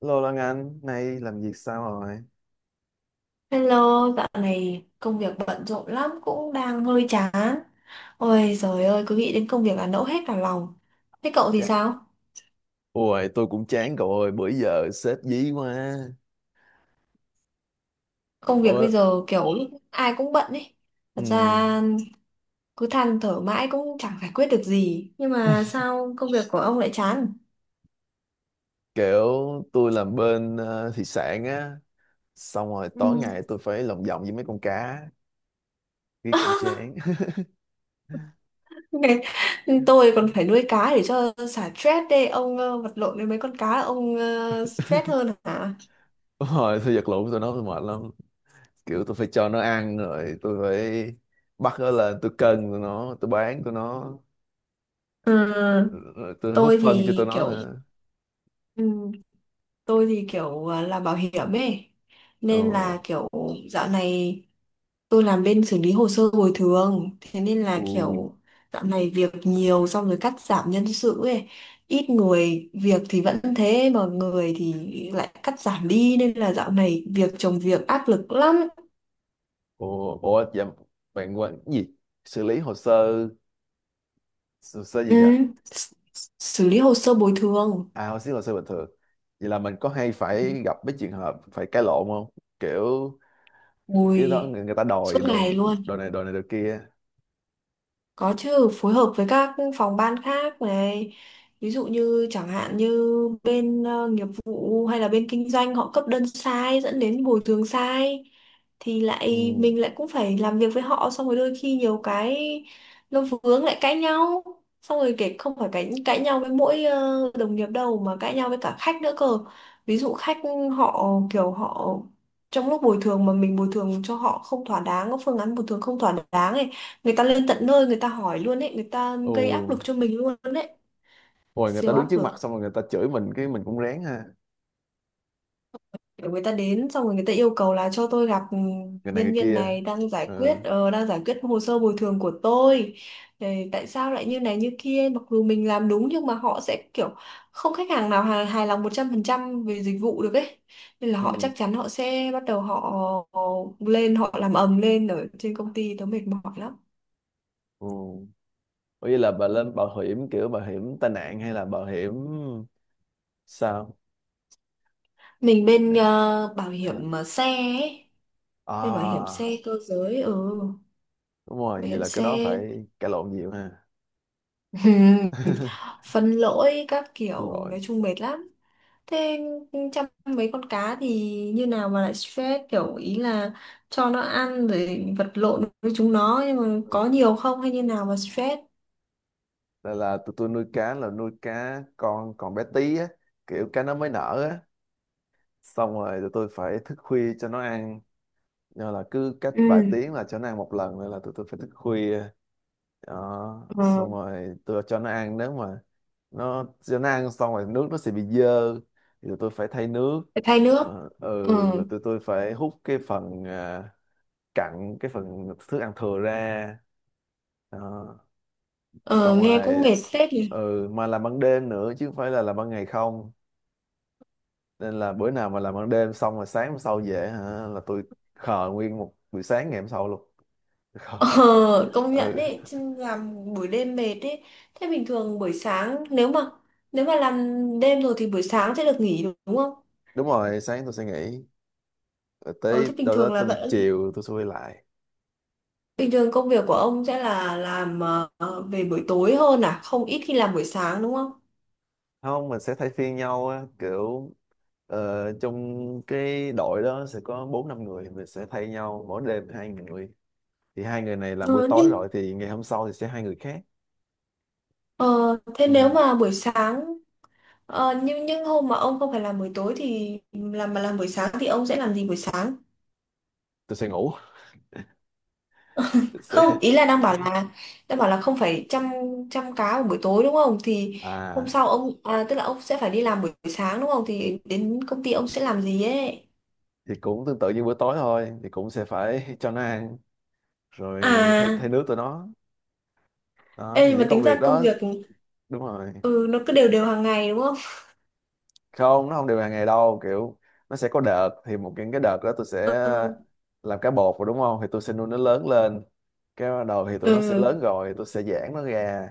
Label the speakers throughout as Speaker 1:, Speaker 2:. Speaker 1: Lô Lan Anh, nay làm việc sao rồi?
Speaker 2: Hello, dạo này công việc bận rộn lắm cũng đang hơi chán. Ôi trời ơi, cứ nghĩ đến công việc là nẫu hết cả lòng. Thế cậu thì
Speaker 1: Chà,
Speaker 2: sao?
Speaker 1: ôi, tôi cũng chán cậu ơi, bữa giờ sếp dí quá.
Speaker 2: Công việc
Speaker 1: Ôi,
Speaker 2: bây giờ kiểu ai cũng bận ấy. Thật
Speaker 1: ừm,
Speaker 2: ra cứ than thở mãi cũng chẳng giải quyết được gì. Nhưng mà sao công việc của ông lại chán?
Speaker 1: kiểu tôi làm bên thị sản á, xong rồi
Speaker 2: Ừ.
Speaker 1: tối ngày tôi phải lồng vòng với mấy con cá, cái cũng chán.
Speaker 2: Ngày- Tôi còn phải nuôi cá để cho xả stress đây. Ông vật lộn với mấy con cá ông stress hơn hả?
Speaker 1: Đúng rồi, tôi vật lộn tôi nói tôi mệt lắm. Kiểu tôi phải cho nó ăn rồi, tôi phải bắt nó lên, tôi cân tụi nó, tôi bán tụi nó,
Speaker 2: Ừ,
Speaker 1: rồi tôi hút
Speaker 2: tôi
Speaker 1: phân cho tụi
Speaker 2: thì
Speaker 1: nó
Speaker 2: kiểu
Speaker 1: nữa.
Speaker 2: ừ, tôi thì kiểu làm bảo hiểm ấy
Speaker 1: Ờ,
Speaker 2: nên là kiểu dạo này tôi làm bên xử lý hồ sơ bồi thường thế nên là
Speaker 1: ừ.
Speaker 2: kiểu dạo này việc nhiều xong rồi cắt giảm nhân sự ấy ít người việc thì vẫn thế mà người thì lại cắt giảm đi nên là dạo này việc chồng việc áp lực lắm.
Speaker 1: Ủa, dạ, bạn quên cái gì? Xử lý hồ sơ
Speaker 2: Ừ.
Speaker 1: gì nhỉ?
Speaker 2: S- xử lý hồ sơ bồi thường.
Speaker 1: À, hồ sơ bình thường. Vậy là mình có hay phải gặp mấy trường hợp phải cãi lộn không? Kiểu cái đó
Speaker 2: Ui,
Speaker 1: người ta
Speaker 2: suốt
Speaker 1: đòi đồ
Speaker 2: ngày luôn.
Speaker 1: đồ này đồ này đồ kia.
Speaker 2: Có chứ, phối hợp với các phòng ban khác này. Ví dụ như chẳng hạn như bên nghiệp vụ hay là bên kinh doanh họ cấp đơn sai dẫn đến bồi thường sai thì lại
Speaker 1: Ừ.
Speaker 2: mình lại cũng phải làm việc với họ xong rồi đôi khi nhiều cái nó vướng lại cãi nhau. Xong rồi kể không phải cãi cãi nhau với mỗi đồng nghiệp đâu mà cãi nhau với cả khách nữa cơ. Ví dụ khách họ trong lúc bồi thường mà mình bồi thường cho họ không thỏa đáng, có phương án bồi thường không thỏa đáng ấy, người ta lên tận nơi người ta hỏi luôn ấy, người ta
Speaker 1: Ồ,
Speaker 2: gây áp lực cho mình luôn đấy.
Speaker 1: rồi người ta
Speaker 2: Siêu
Speaker 1: đứng
Speaker 2: áp
Speaker 1: trước
Speaker 2: lực.
Speaker 1: mặt xong rồi người ta chửi mình cái mình cũng rén ha.
Speaker 2: Kiểu người ta đến xong rồi người ta yêu cầu là cho tôi gặp
Speaker 1: Người này
Speaker 2: nhân
Speaker 1: người
Speaker 2: viên
Speaker 1: kia.
Speaker 2: này đang giải quyết,
Speaker 1: Ừ.
Speaker 2: đang giải quyết hồ sơ bồi thường của tôi. Ờ, tại sao lại như này như kia mặc dù mình làm đúng nhưng mà họ sẽ kiểu không khách hàng nào hài lòng 100% về dịch vụ được ấy nên là họ chắc
Speaker 1: Ừ.
Speaker 2: chắn họ sẽ bắt đầu họ lên họ làm ầm lên ở trên công ty, tớ mệt mỏi lắm.
Speaker 1: Ừ. Ủa vậy là bà lên bảo hiểm kiểu bảo hiểm tai nạn hay là bảo hiểm sao?
Speaker 2: Mình bên
Speaker 1: À,
Speaker 2: bảo
Speaker 1: hay là...
Speaker 2: hiểm xe ấy. Về bảo hiểm xe
Speaker 1: à
Speaker 2: cơ giới, ừ,
Speaker 1: đúng rồi,
Speaker 2: bảo
Speaker 1: vậy
Speaker 2: hiểm
Speaker 1: là cái đó
Speaker 2: xe.
Speaker 1: phải cãi lộn nhiều ha.
Speaker 2: Phân lỗi các kiểu
Speaker 1: Lội.
Speaker 2: nói chung mệt lắm. Thế chăm mấy con cá thì như nào mà lại stress, kiểu ý là cho nó ăn rồi vật lộn với chúng nó nhưng mà
Speaker 1: Ừ.
Speaker 2: có nhiều không hay như nào mà stress.
Speaker 1: Là tụi tôi nuôi cá là nuôi cá con còn bé tí á, kiểu cá nó mới nở á, xong rồi tụi tôi phải thức khuya cho nó ăn, do là cứ cách vài
Speaker 2: Ừ.
Speaker 1: tiếng là cho nó ăn một lần nên là tụi tôi phải thức khuya. Đó, xong
Speaker 2: Ừ.
Speaker 1: rồi tôi cho nó ăn, nếu mà nó cho nó ăn xong rồi nước nó sẽ bị dơ thì tụi tôi phải thay nước.
Speaker 2: Phải thay nước.
Speaker 1: Ờ,
Speaker 2: Ừ.
Speaker 1: ừ, rồi tụi tôi phải hút cái phần cặn, cái phần thức ăn thừa ra đó.
Speaker 2: Ừ,
Speaker 1: Xong
Speaker 2: nghe cũng
Speaker 1: rồi
Speaker 2: mệt phết nhỉ.
Speaker 1: ừ, mà làm ban đêm nữa chứ không phải là làm ban ngày không, nên là bữa nào mà làm ban đêm xong rồi sáng hôm sau về hả là tôi khờ nguyên một buổi sáng ngày hôm sau luôn. Khờ.
Speaker 2: Ờ, công nhận
Speaker 1: Ừ,
Speaker 2: đấy, chứ làm buổi đêm mệt đấy. Thế bình thường buổi sáng nếu mà làm đêm rồi thì buổi sáng sẽ được nghỉ đúng không?
Speaker 1: đúng rồi, sáng tôi sẽ nghỉ, rồi
Speaker 2: Ờ, thế
Speaker 1: tới
Speaker 2: bình
Speaker 1: đâu đó
Speaker 2: thường là
Speaker 1: tầm
Speaker 2: vẫn
Speaker 1: chiều tôi sẽ quay lại.
Speaker 2: bình thường công việc của ông sẽ là làm về buổi tối hơn à, không ít khi làm buổi sáng đúng không?
Speaker 1: Không, mình sẽ thay phiên nhau á, kiểu trong cái đội đó sẽ có bốn năm người, mình sẽ thay nhau mỗi đêm hai người, thì hai người này làm buổi
Speaker 2: Ờ,
Speaker 1: tối
Speaker 2: nhưng
Speaker 1: rồi thì ngày hôm sau thì sẽ hai người khác.
Speaker 2: ờ, thế
Speaker 1: Ừ.
Speaker 2: nếu mà buổi sáng nhưng hôm mà ông không phải làm buổi tối thì làm mà làm buổi sáng thì ông sẽ làm gì buổi sáng?
Speaker 1: Tôi sẽ ngủ. Tôi sẽ
Speaker 2: Không, ý là đang bảo là không phải chăm chăm cá vào buổi tối đúng không thì hôm
Speaker 1: à
Speaker 2: sau ông à, tức là ông sẽ phải đi làm buổi sáng đúng không thì đến công ty ông sẽ làm gì ấy.
Speaker 1: thì cũng tương tự như bữa tối thôi, thì cũng sẽ phải cho nó ăn rồi thay
Speaker 2: À.
Speaker 1: thay nước tụi nó, đó
Speaker 2: Ê
Speaker 1: thì
Speaker 2: nhưng mà
Speaker 1: những công
Speaker 2: tính ra
Speaker 1: việc
Speaker 2: công
Speaker 1: đó.
Speaker 2: việc
Speaker 1: Đúng rồi,
Speaker 2: ừ nó cứ đều đều hàng ngày đúng không.
Speaker 1: không nó không đều hàng ngày đâu, kiểu nó sẽ có đợt, thì một cái đợt đó tôi sẽ
Speaker 2: Ừ.
Speaker 1: làm cá bột rồi, đúng không, thì tôi sẽ nuôi nó lớn lên, cái bắt đầu thì tụi nó sẽ
Speaker 2: Ừ.
Speaker 1: lớn rồi tôi sẽ giãn nó ra,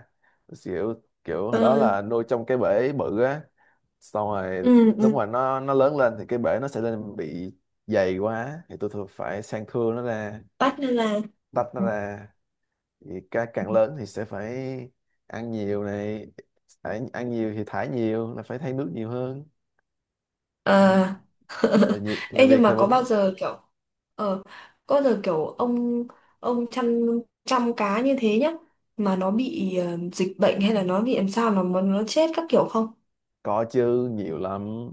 Speaker 1: kiểu kiểu hồi đó
Speaker 2: Ừ.
Speaker 1: là nuôi trong cái bể bự á, xong rồi
Speaker 2: Ừ,
Speaker 1: lúc
Speaker 2: ừ.
Speaker 1: mà nó lớn lên thì cái bể nó sẽ lên bị dày quá thì tôi thường phải sang thưa nó ra,
Speaker 2: Bắt nên là
Speaker 1: tách nó ra. Thì càng lớn thì sẽ phải ăn nhiều này, phải ăn nhiều thì thải nhiều là phải thay nước nhiều hơn. Đấy,
Speaker 2: ờ.
Speaker 1: là
Speaker 2: Ê nhưng
Speaker 1: việc thì
Speaker 2: mà có bao
Speaker 1: vẫn.
Speaker 2: giờ kiểu ờ có bao giờ kiểu ông chăm chăm cá như thế nhá mà nó bị dịch bệnh hay là nó bị làm sao mà nó chết các kiểu không?
Speaker 1: Có chứ, nhiều lắm,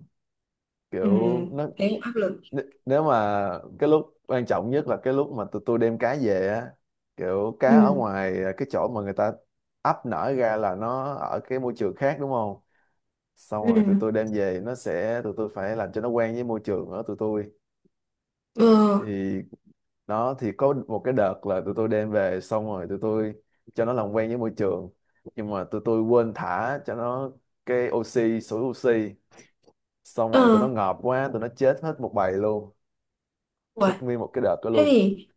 Speaker 2: Ừ,
Speaker 1: kiểu nó
Speaker 2: thế cũng áp lực.
Speaker 1: nếu mà cái lúc quan trọng nhất là cái lúc mà tụi tôi đem cá về á, kiểu cá
Speaker 2: Ừ,
Speaker 1: ở ngoài cái chỗ mà người ta ấp nở ra là nó ở cái môi trường khác đúng không, xong rồi tụi
Speaker 2: ừ,
Speaker 1: tôi đem về nó sẽ tụi tôi phải làm cho nó quen với môi trường ở tụi tôi.
Speaker 2: ừ,
Speaker 1: Thì đó thì có một cái đợt là tụi tôi đem về xong rồi tụi tôi cho nó làm quen với môi trường, nhưng mà tụi tôi quên thả cho nó cái oxy, sủi oxy, xong
Speaker 2: ờ.
Speaker 1: rồi tụi nó ngợp quá, tụi nó chết hết một bầy luôn, chết
Speaker 2: Uầy.
Speaker 1: nguyên một cái đợt đó
Speaker 2: Thế
Speaker 1: luôn.
Speaker 2: thì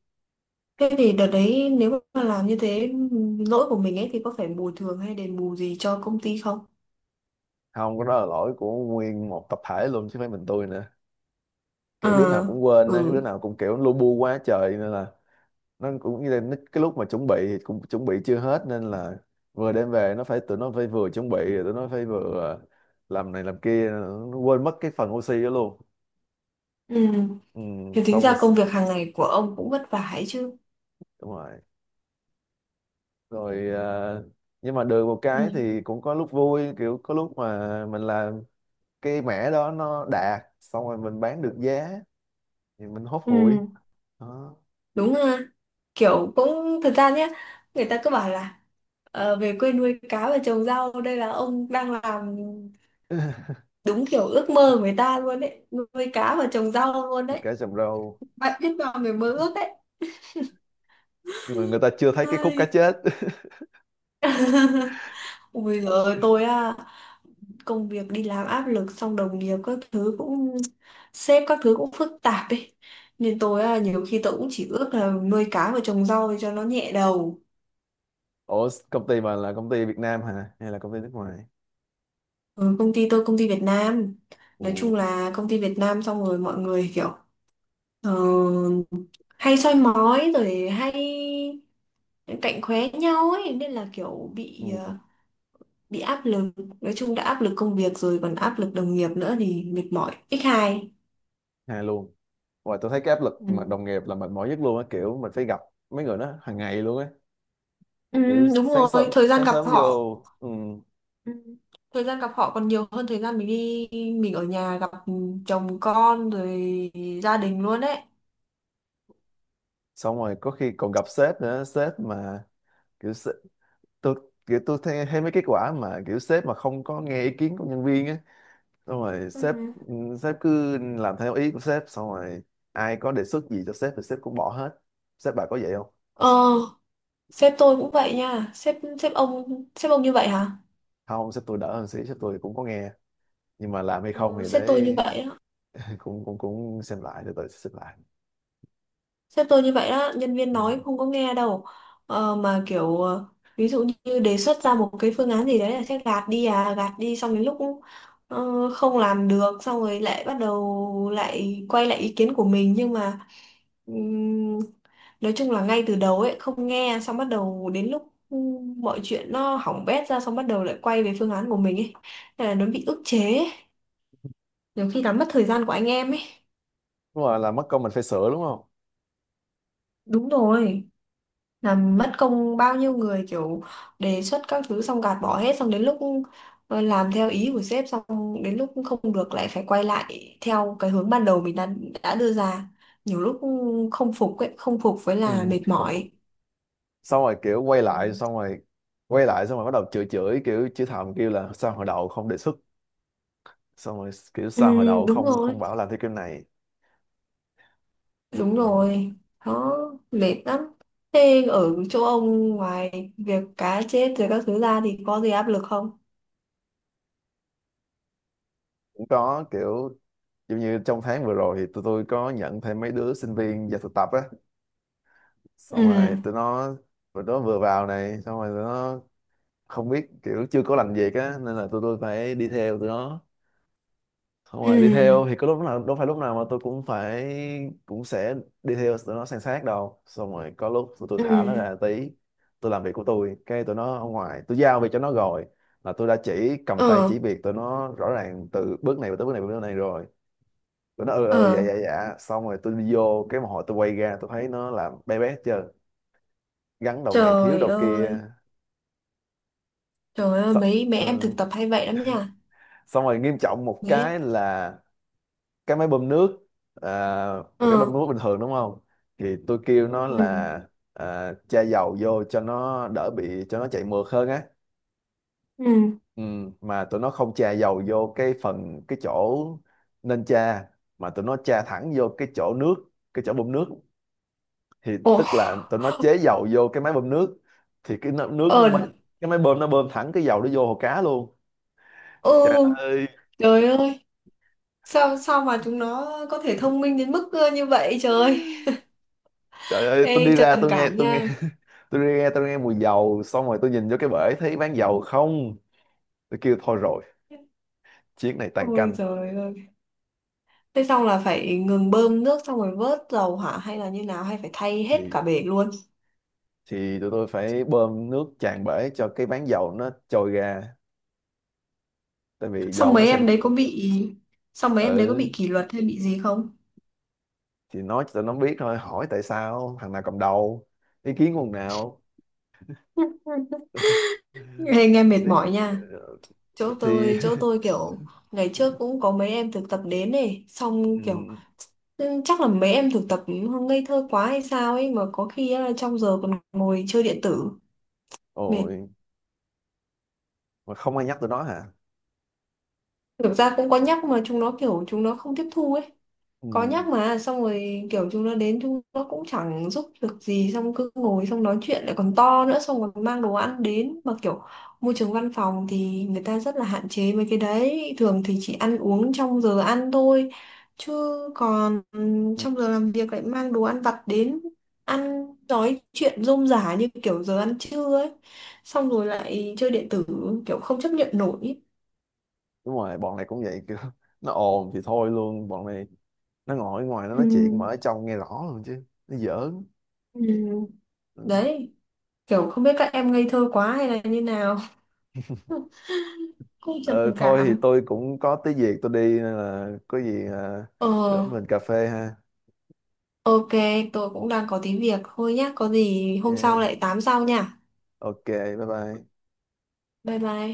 Speaker 2: thế thì đợt đấy nếu mà làm như thế lỗi của mình ấy thì có phải bồi thường hay đền bù gì cho công ty không?
Speaker 1: Không có, đó là lỗi của nguyên một tập thể luôn chứ không phải mình tôi nữa, kiểu đứa
Speaker 2: Ờ,
Speaker 1: nào cũng quên á,
Speaker 2: ừ,
Speaker 1: đứa nào cũng kiểu lu bu quá trời nên là nó cũng như là nó- cái lúc mà chuẩn bị thì cũng chuẩn bị chưa hết, nên là vừa đem về nó phải tụi nó phải vừa chuẩn bị rồi tụi nó phải vừa làm này làm kia, nó quên mất cái phần oxy đó luôn.
Speaker 2: ừ.
Speaker 1: Ừ,
Speaker 2: Thì tính
Speaker 1: xong rồi.
Speaker 2: ra công việc hàng ngày của ông cũng vất vả ấy chứ.
Speaker 1: Đúng rồi, rồi nhưng mà được một
Speaker 2: Ừ,
Speaker 1: cái thì cũng có lúc vui, kiểu có lúc mà mình làm cái mẻ đó nó đạt xong rồi mình bán được giá thì mình hốt
Speaker 2: ừ,
Speaker 1: hụi, đó.
Speaker 2: đúng ha. Kiểu cũng thật ra nhé, người ta cứ bảo là về quê nuôi cá và trồng rau đây là ông đang làm đúng kiểu ước mơ của người ta luôn đấy, nuôi cá và trồng rau luôn đấy.
Speaker 1: Cá chầm râu,
Speaker 2: Bạn biết vào người mơ ước đấy.
Speaker 1: nhưng mà người ta chưa thấy cái khúc cá
Speaker 2: Ai.
Speaker 1: chết.
Speaker 2: Ôi giời ơi, tôi á, công việc đi làm áp lực xong đồng nghiệp các thứ cũng sếp các thứ cũng phức tạp ấy nên tôi á nhiều khi tôi cũng chỉ ước là nuôi cá và trồng rau cho nó nhẹ đầu.
Speaker 1: Ủa, công ty mà là công ty Việt Nam hả hay là công ty nước ngoài?
Speaker 2: Ừ, công ty tôi công ty Việt Nam,
Speaker 1: Ừ.
Speaker 2: nói chung là công ty Việt Nam xong rồi mọi người kiểu ờ, hay soi mói rồi hay cạnh khóe nhau ấy nên là kiểu bị
Speaker 1: Ừ.
Speaker 2: bị áp lực. Nói chung đã áp lực công việc rồi còn áp lực đồng nghiệp nữa thì mệt mỏi x2.
Speaker 1: Hay luôn. Và tôi thấy cái áp lực mà đồng
Speaker 2: Ừ.
Speaker 1: nghiệp là mệt mỏi nhất luôn á, kiểu mình phải gặp mấy người đó hàng ngày luôn á.
Speaker 2: Ừ,
Speaker 1: Kiểu
Speaker 2: đúng rồi thời gian
Speaker 1: sáng
Speaker 2: gặp
Speaker 1: sớm
Speaker 2: họ.
Speaker 1: vô. Ừ.
Speaker 2: Ừ. Thời gian gặp họ còn nhiều hơn thời gian mình đi mình ở nhà gặp chồng con rồi gia đình luôn đấy.
Speaker 1: Xong rồi có khi còn gặp sếp nữa, sếp mà kiểu sếp, tôi kiểu tôi thấy mấy cái quả mà kiểu sếp mà không có nghe ý kiến của nhân viên á, xong rồi sếp,
Speaker 2: Ừ.
Speaker 1: ừ, sếp cứ làm theo ý của sếp, xong rồi ai có đề xuất gì cho sếp thì sếp cũng bỏ hết. Sếp bà có vậy không?
Speaker 2: Ờ, sếp tôi cũng vậy nha, sếp sếp ông như vậy hả.
Speaker 1: Không, sếp tôi đỡ hơn xí, sếp tôi cũng có nghe, nhưng mà làm hay không
Speaker 2: Ừ,
Speaker 1: thì để
Speaker 2: sếp tôi như vậy á.
Speaker 1: cũng cũng cũng xem lại, từ từ sẽ xem lại.
Speaker 2: Sếp tôi như vậy đó, nhân viên nói
Speaker 1: Ừ.
Speaker 2: không có nghe đâu. Ờ, mà kiểu ví dụ như đề xuất ra một cái phương án gì đấy là sếp gạt đi à, gạt đi xong đến lúc không làm được xong rồi lại bắt đầu lại quay lại ý kiến của mình nhưng mà ừm, nói chung là ngay từ đầu ấy không nghe xong bắt đầu đến lúc mọi chuyện nó hỏng bét ra xong bắt đầu lại quay về phương án của mình ấy. Nên là nó bị ức chế ấy. Nhiều khi làm mất thời gian của anh em ấy.
Speaker 1: Đúng rồi, là mất công mình phải sửa đúng không.
Speaker 2: Đúng rồi. Làm mất công bao nhiêu người kiểu đề xuất các thứ xong gạt bỏ hết xong đến lúc làm theo ý của sếp xong đến lúc không được lại phải quay lại theo cái hướng ban đầu mình đã đưa ra nhiều lúc không phục ấy, không phục với
Speaker 1: Ừ,
Speaker 2: là mệt
Speaker 1: không phục,
Speaker 2: mỏi.
Speaker 1: xong rồi kiểu quay lại,
Speaker 2: Ừ.
Speaker 1: xong rồi quay lại, xong rồi bắt đầu chửi chửi, kiểu chửi thầm, kêu là sao hồi đầu không đề xuất, xong rồi kiểu
Speaker 2: Ừ,
Speaker 1: sao hồi đầu
Speaker 2: đúng
Speaker 1: không
Speaker 2: rồi,
Speaker 1: không bảo làm theo kiểu này.
Speaker 2: đúng
Speaker 1: Ừ.
Speaker 2: rồi. Đó mệt lắm. Thế ở chỗ ông ngoài việc cá chết rồi các thứ ra thì có gì áp lực không?
Speaker 1: Cũng có, kiểu giống như trong tháng vừa rồi thì tụi tôi có nhận thêm mấy đứa sinh viên vào thực tập á,
Speaker 2: Ừ.
Speaker 1: xong rồi tụi nó vừa vào này xong rồi tụi nó không biết, kiểu chưa có làm việc á nên là tụi tôi phải đi theo tụi nó, xong rồi đi
Speaker 2: Ừ.
Speaker 1: theo thì có lúc nào đâu, phải lúc nào mà tôi cũng phải cũng sẽ đi theo tụi nó san sát đâu, xong rồi có lúc tụi tôi
Speaker 2: Ừ.
Speaker 1: thả nó ra tí, tôi làm việc của tôi, cái tụi nó ở ngoài tôi giao việc cho nó rồi, là tôi đã chỉ cầm tay
Speaker 2: Ờ.
Speaker 1: chỉ việc tụi nó rõ ràng từ bước này tới bước này tới bước này rồi, tụi nó ừ ừ dạ
Speaker 2: Ờ,
Speaker 1: dạ dạ, xong rồi tôi đi vô, cái một hồi tôi quay ra tôi thấy nó làm bé bé chưa, gắn đầu này thiếu
Speaker 2: trời
Speaker 1: đầu
Speaker 2: ơi.
Speaker 1: kia.
Speaker 2: Trời ơi, mấy mấy
Speaker 1: Ừ.
Speaker 2: em thực tập hay vậy lắm nha.
Speaker 1: Xong rồi nghiêm trọng một cái
Speaker 2: Mấy.
Speaker 1: là cái máy bơm nước, à, một
Speaker 2: Ừ.
Speaker 1: cái bơm nước bình thường đúng không, thì tôi kêu nó
Speaker 2: Ừ.
Speaker 1: là cha dầu vô cho nó đỡ bị, cho nó chạy mượt hơn á.
Speaker 2: Ừ.
Speaker 1: Ừ, mà tụi nó không chà dầu vô cái phần cái chỗ nên chà, mà tụi nó chà thẳng vô cái chỗ nước, cái chỗ bơm nước, thì
Speaker 2: Ồ,
Speaker 1: tức là tụi nó chế dầu vô cái máy bơm nước, thì cái nó- nước
Speaker 2: ờ,
Speaker 1: nó mới- cái máy bơm nó bơm thẳng cái dầu nó vô hồ cá luôn.
Speaker 2: ừ.
Speaker 1: Trời ơi.
Speaker 2: Trời ơi, sao sao mà chúng nó có thể thông minh đến mức như vậy trời.
Speaker 1: Trời ơi, tôi
Speaker 2: Ê
Speaker 1: đi ra
Speaker 2: trầm cảm
Speaker 1: tôi nghe
Speaker 2: nha.
Speaker 1: tôi đi nghe tôi nghe mùi dầu, xong rồi tôi nhìn vô cái bể thấy bán dầu không, tôi kêu thôi rồi, chiếc này tàn
Speaker 2: Ôi
Speaker 1: canh.
Speaker 2: trời ơi. Thế xong là phải ngừng bơm nước xong rồi vớt dầu hả hay là như nào hay phải thay hết
Speaker 1: thì
Speaker 2: cả bể luôn.
Speaker 1: thì tụi tôi phải bơm nước tràn bể cho cái bán dầu nó trôi ra, tại vì
Speaker 2: Xong
Speaker 1: dầu nó
Speaker 2: mấy
Speaker 1: sẽ.
Speaker 2: em đấy có bị xong mấy em đấy có
Speaker 1: Ừ,
Speaker 2: bị kỷ luật hay bị gì không?
Speaker 1: thì nói cho tụi nó biết thôi, hỏi tại sao, thằng nào cầm đầu, ý kiến của thằng nào.
Speaker 2: Ê, nghe mệt mỏi
Speaker 1: Ý-
Speaker 2: nha. Chỗ
Speaker 1: thì.
Speaker 2: tôi chỗ tôi kiểu ngày trước cũng có mấy em thực tập đến này xong kiểu.
Speaker 1: Ừ,
Speaker 2: Ừ, chắc là mấy em thực tập ngây thơ quá hay sao ấy mà có khi á, trong giờ còn ngồi chơi điện tử. Mệt.
Speaker 1: ôi mà không ai nhắc tụi nó hả?
Speaker 2: Thực ra cũng có nhắc mà chúng nó kiểu chúng nó không tiếp thu ấy. Có nhắc
Speaker 1: Ừ.
Speaker 2: mà xong rồi kiểu chúng nó đến chúng nó cũng chẳng giúp được gì xong cứ ngồi xong nói chuyện lại còn to nữa xong còn mang đồ ăn đến mà kiểu môi trường văn phòng thì người ta rất là hạn chế mấy cái đấy thường thì chỉ ăn uống trong giờ ăn thôi chứ còn
Speaker 1: Ừ.
Speaker 2: trong giờ làm việc lại mang đồ ăn vặt đến ăn nói chuyện rôm rả như kiểu giờ ăn trưa ấy xong rồi lại chơi điện tử kiểu không chấp nhận nổi.
Speaker 1: Đúng rồi, bọn này cũng vậy, kiểu nó ồn thì thôi luôn, bọn này nó ngồi ở ngoài nó nói chuyện mà
Speaker 2: Ừm,
Speaker 1: ở trong nghe rõ luôn, chứ nó giỡn.
Speaker 2: ừm,
Speaker 1: Ừ.
Speaker 2: đấy kiểu không biết các em ngây thơ quá hay là như nào. Cũng trầm
Speaker 1: Ờ, thôi thì
Speaker 2: cảm.
Speaker 1: tôi cũng có tí việc tôi đi, nên là có gì
Speaker 2: Ờ.
Speaker 1: đỡ mình cà phê ha.
Speaker 2: Ok. Tôi cũng đang có tí việc thôi nhá, có gì hôm sau
Speaker 1: Ok,
Speaker 2: lại tám sau nha.
Speaker 1: ok, bye bye.
Speaker 2: Bye bye.